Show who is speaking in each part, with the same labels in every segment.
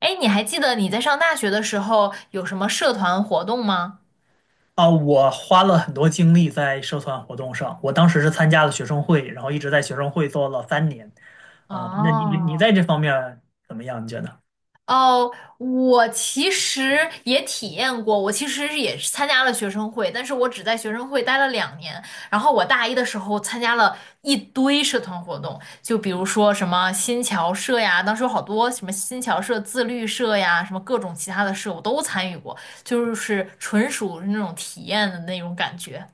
Speaker 1: 哎，你还记得你在上大学的时候有什么社团活动吗？
Speaker 2: 我花了很多精力在社团活动上。我当时是参加了学生会，然后一直在学生会做了三年。啊，那你在
Speaker 1: 哦
Speaker 2: 这方面怎么样？你觉得？
Speaker 1: 哦，我其实也体验过，我其实是也是参加了学生会，但是我只在学生会待了两年。然后我大一的时候参加了一堆社团活动，就比如说什么新侨社呀，当时有好多什么新侨社、自律社呀，什么各种其他的社我都参与过，就是纯属那种体验的那种感觉。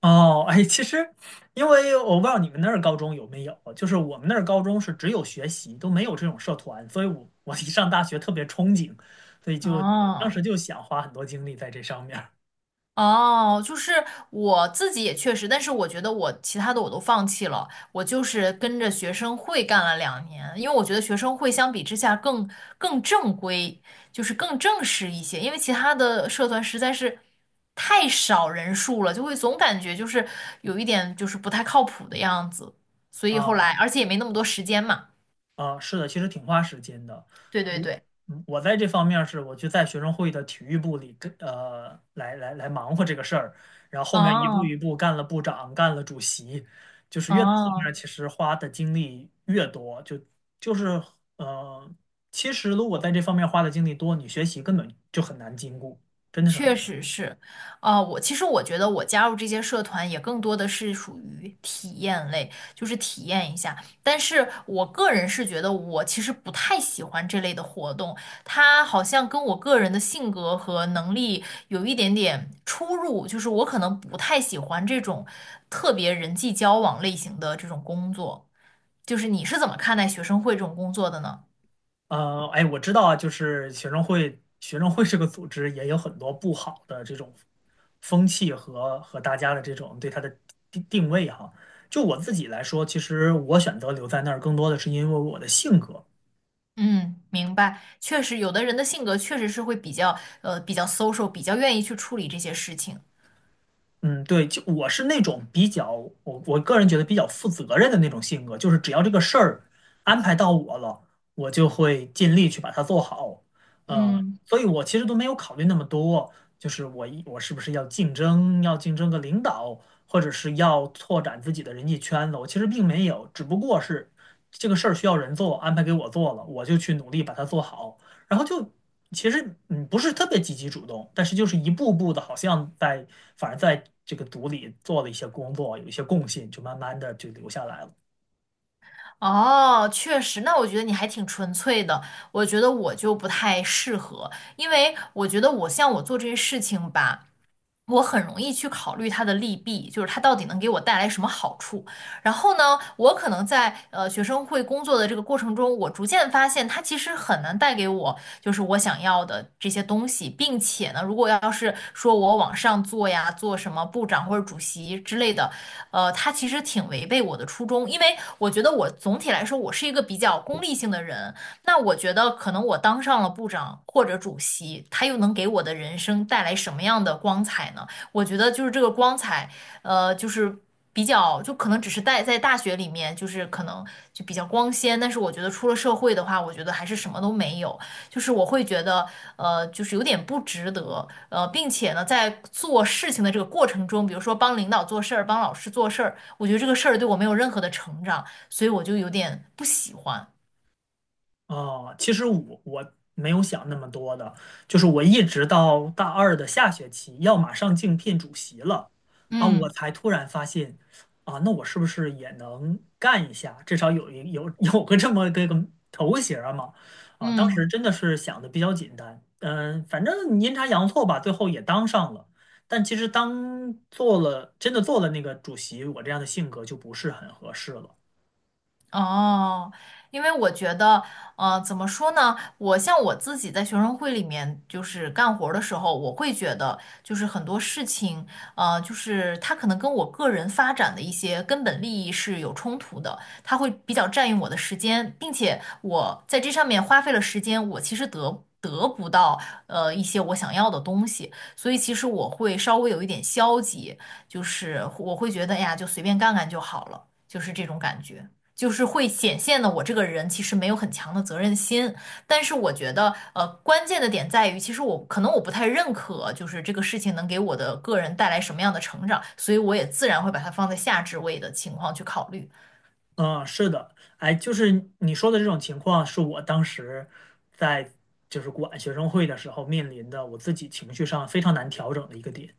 Speaker 2: 哦，哎，其实，因为我不知道你们那儿高中有没有，就是我们那儿高中是只有学习，都没有这种社团，所以我一上大学特别憧憬，所以就当时
Speaker 1: 哦。
Speaker 2: 就想花很多精力在这上面儿
Speaker 1: 哦，就是我自己也确实，但是我觉得我其他的我都放弃了，我就是跟着学生会干了两年，因为我觉得学生会相比之下更正规，就是更正式一些，因为其他的社团实在是太少人数了，就会总感觉就是有一点就是不太靠谱的样子，所以后
Speaker 2: 啊。
Speaker 1: 来而且也没那么多时间嘛。
Speaker 2: 啊，是的，其实挺花时间的。
Speaker 1: 对
Speaker 2: 我
Speaker 1: 对对。
Speaker 2: 我在这方面儿是我就在学生会的体育部里跟呃来来来忙活这个事儿，然后后面一步
Speaker 1: 哦
Speaker 2: 一步干了部长，干了主席，就是越到后面儿
Speaker 1: 哦。
Speaker 2: 其实花的精力越多，就就是呃，其实如果在这方面花的精力多，你学习根本就很难兼顾，真的是很
Speaker 1: 确
Speaker 2: 难。
Speaker 1: 实是。我其实我觉得我加入这些社团也更多的是属于体验类，就是体验一下。但是我个人是觉得我其实不太喜欢这类的活动，它好像跟我个人的性格和能力有一点点出入，就是我可能不太喜欢这种特别人际交往类型的这种工作。就是你是怎么看待学生会这种工作的呢？
Speaker 2: 哎，我知道啊，就是学生会，学生会这个组织也有很多不好的这种风气和大家的这种对它的定位哈。就我自己来说，其实我选择留在那儿，更多的是因为我的性格。
Speaker 1: 嗯，明白。确实，有的人的性格确实是会比较比较 social，比较愿意去处理这些事情。
Speaker 2: 嗯，对，就我是那种比较，我个人觉得比较负责任的那种性格，就是只要这个事儿安排到我了，我就会尽力去把它做好。呃，
Speaker 1: 嗯。
Speaker 2: 所以我其实都没有考虑那么多，就是我是不是要竞争，要竞争个领导，或者是要拓展自己的人际圈子，我其实并没有，只不过是这个事儿需要人做，安排给我做了，我就去努力把它做好，然后就其实不是特别积极主动，但是就是一步步的，好像在反而在这个组里做了一些工作，有一些共性，就慢慢的就留下来了。
Speaker 1: 哦，确实，那我觉得你还挺纯粹的。我觉得我就不太适合，因为我觉得我像我做这些事情吧，我很容易去考虑它的利弊，就是它到底能给我带来什么好处。然后呢，我可能在学生会工作的这个过程中，我逐渐发现它其实很难带给我就是我想要的这些东西，并且呢，如果要是说我往上做呀，做什么部长或者主席之类的，它其实挺违背我的初衷，因为我觉得我总体来说我是一个比较功利性的人，那我觉得，可能我当上了部长或者主席，他又能给我的人生带来什么样的光彩呢？我觉得就是这个光彩，就是比较，就可能只是在大学里面，就是可能就比较光鲜，但是我觉得出了社会的话，我觉得还是什么都没有，就是我会觉得，就是有点不值得，并且呢，在做事情的这个过程中，比如说帮领导做事儿，帮老师做事儿，我觉得这个事儿对我没有任何的成长，所以我就有点不喜欢。
Speaker 2: 哦，其实我没有想那么多的，就是我一直到大二的下学期要马上竞聘主席了啊，我
Speaker 1: 嗯。
Speaker 2: 才突然发现啊，那我是不是也能干一下？至少有 有个这么个头衔儿嘛啊，当
Speaker 1: 嗯。
Speaker 2: 时真的是想的比较简单，嗯，反正阴差阳错吧，最后也当上了。但其实当做了真的做了那个主席，我这样的性格就不是很合适了。
Speaker 1: 哦，因为我觉得，怎么说呢？我像我自己在学生会里面就是干活儿的时候，我会觉得就是很多事情，就是它可能跟我个人发展的一些根本利益是有冲突的，它会比较占用我的时间，并且我在这上面花费了时间，我其实得。得不到一些我想要的东西，所以其实我会稍微有一点消极，就是我会觉得哎呀，就随便干干就好了，就是这种感觉。就是会显现的我这个人其实没有很强的责任心，但是我觉得，关键的点在于，其实我可能我不太认可，就是这个事情能给我的个人带来什么样的成长，所以我也自然会把它放在下置位的情况去考虑。
Speaker 2: 嗯，是的，哎，就是你说的这种情况，是我当时在就是管学生会的时候面临的，我自己情绪上非常难调整的一个点，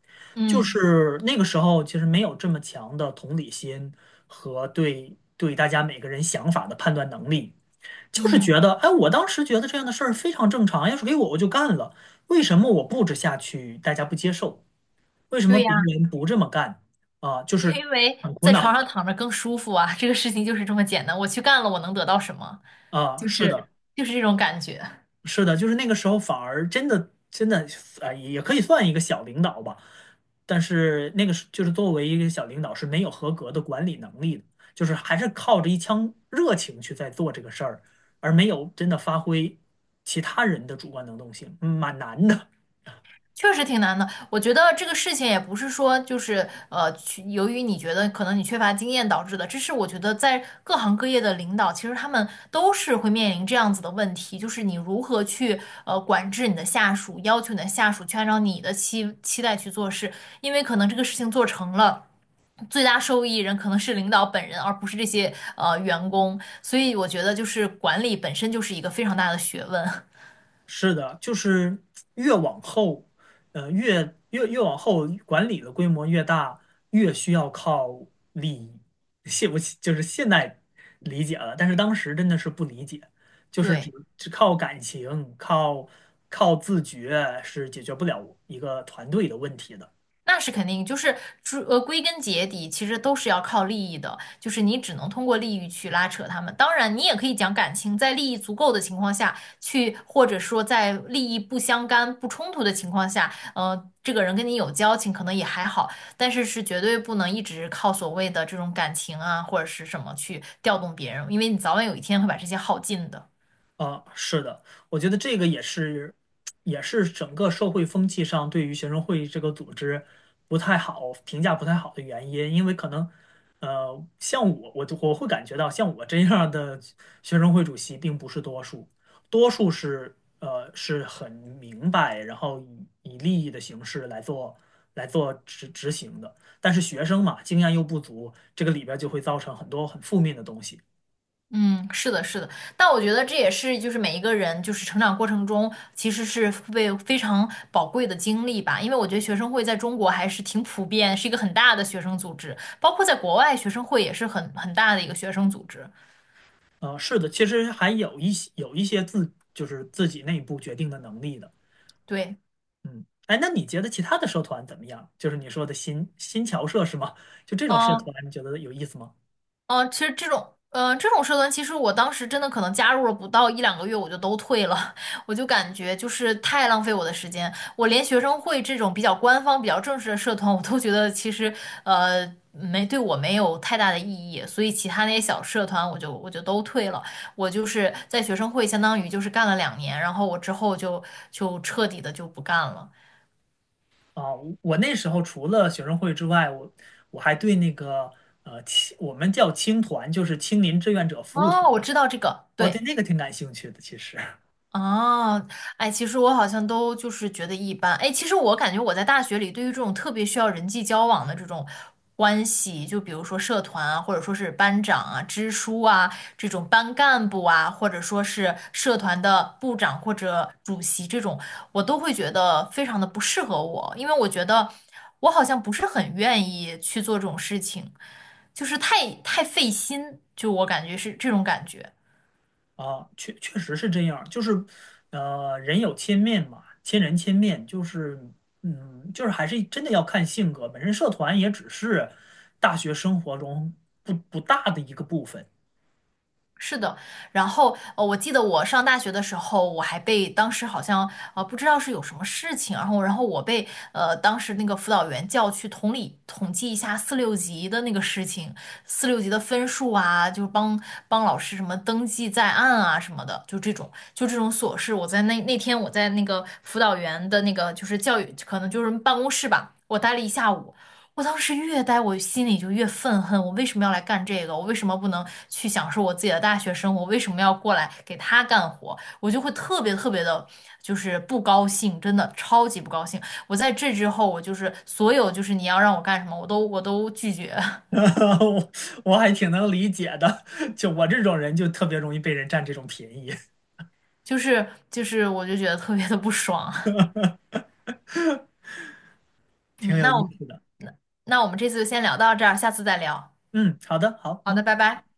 Speaker 2: 就
Speaker 1: 嗯
Speaker 2: 是那个时候其实没有这么强的同理心和对大家每个人想法的判断能力，就是觉
Speaker 1: 嗯。
Speaker 2: 得，哎，我当时觉得这样的事儿非常正常，要是给我就干了，为什么我布置下去大家不接受？为什么
Speaker 1: 对呀，
Speaker 2: 别人不这么干？啊，就是
Speaker 1: 因为
Speaker 2: 很苦
Speaker 1: 在床
Speaker 2: 恼
Speaker 1: 上躺着更舒服啊，这个事情就是这么简单，我去干了，我能得到什么？
Speaker 2: 啊，
Speaker 1: 就
Speaker 2: 是
Speaker 1: 是
Speaker 2: 的。
Speaker 1: 就是这种感觉。
Speaker 2: 是的，就是那个时候反而真的也可以算一个小领导吧，但是那个是就是作为一个小领导是没有合格的管理能力的，就是还是靠着一腔热情去在做这个事儿，而没有真的发挥其他人的主观能动性，蛮难的。
Speaker 1: 确实挺难的，我觉得这个事情也不是说就是去由于你觉得可能你缺乏经验导致的，这是我觉得在各行各业的领导，其实他们都是会面临这样子的问题，就是你如何去管制你的下属，要求你的下属去按照你的期待去做事，因为可能这个事情做成了。最大受益人可能是领导本人，而不是这些员工，所以我觉得就是管理本身就是一个非常大的学问。
Speaker 2: 是的，就是越往后，越往后，管理的规模越大，越需要靠理，现我就是现代理解了，但是当时真的是不理解，就是只
Speaker 1: 对。
Speaker 2: 只靠感情，靠自觉是解决不了一个团队的问题的。
Speaker 1: 那是肯定，就是归根结底，其实都是要靠利益的，就是你只能通过利益去拉扯他们。当然，你也可以讲感情，在利益足够的情况下去，或者说在利益不相干、不冲突的情况下，这个人跟你有交情，可能也还好，但是是绝对不能一直靠所谓的这种感情啊，或者是什么去调动别人，因为你早晚有一天会把这些耗尽的。
Speaker 2: 啊，是的，我觉得这个也是，也是整个社会风气上对于学生会这个组织不太好评价不太好的原因，因为可能，像我，我就我会感觉到，像我这样的学生会主席并不是多数，多数是是很明白，然后以利益的形式来做执执行的，但是学生嘛，经验又不足，这个里边儿就会造成很多很负面的东西。
Speaker 1: 嗯，是的，是的。但我觉得这也是就是每一个人就是成长过程中其实是被非常宝贵的经历吧，因为我觉得学生会在中国还是挺普遍，是一个很大的学生组织，包括在国外学生会也是很大的一个学生组织。
Speaker 2: 是的，其实还有一些自就是自己内部决定的能力的。
Speaker 1: 对。
Speaker 2: 嗯，哎，那你觉得其他的社团怎么样？就是你说的新侨社是吗？就这种社团，
Speaker 1: 嗯。
Speaker 2: 你觉得有意思吗？
Speaker 1: 嗯，其实这种，嗯，这种社团，其实我当时真的可能加入了不到一两个月，我就都退了，我就感觉就是太浪费我的时间，我连学生会这种比较官方、比较正式的社团，我都觉得其实，没对我没有太大的意义，所以其他那些小社团，我就都退了。我就是在学生会，相当于就是干了两年，然后我之后就就彻底的就不干了。
Speaker 2: 啊，我那时候除了学生会之外，我我还对那个我们叫青团，就是青年志愿者服务团，
Speaker 1: 哦，我知道这个，
Speaker 2: 我对
Speaker 1: 对。
Speaker 2: 那个挺感兴趣的，其实。
Speaker 1: 哦，哎，其实我好像都就是觉得一般。哎，其实我感觉我在大学里，对于这种特别需要人际交往的这种关系，就比如说社团啊，或者说是班长啊、支书啊，这种班干部啊，或者说是社团的部长或者主席这种，我都会觉得非常的不适合我，因为我觉得我好像不是很愿意去做这种事情，就是太费心，就我感觉是这种感觉。
Speaker 2: 啊，确实是这样，就是，人有千面嘛，千人千面，就是，嗯，就是还是真的要看性格。本身社团也只是大学生活中不大的一个部分。
Speaker 1: 是的。然后我记得我上大学的时候，我还被当时好像不知道是有什么事情，然后我被当时那个辅导员叫去统计一下四六级的那个事情，四六级的分数啊，就是帮老师什么登记在案啊什么的，就这种就这种琐事，我在那那天我在那个辅导员的那个就是教育可能就是办公室吧，我待了一下午。我当时越待我心里就越愤恨，我为什么要来干这个？我为什么不能去享受我自己的大学生活？我为什么要过来给他干活？我就会特别特别的，就是不高兴，真的超级不高兴。我在这之后，我就是所有就是你要让我干什么，我都拒绝。
Speaker 2: 我我还挺能理解的。就我这种人，就特别容易被人占这种便宜。
Speaker 1: 我就觉得特别的不爽。
Speaker 2: 挺
Speaker 1: 嗯，
Speaker 2: 有
Speaker 1: 那
Speaker 2: 意
Speaker 1: 我们
Speaker 2: 思的。
Speaker 1: 那我们这次就先聊到这儿，下次再聊。
Speaker 2: 嗯，好的，好，
Speaker 1: 好的，
Speaker 2: 嗯。
Speaker 1: 拜拜。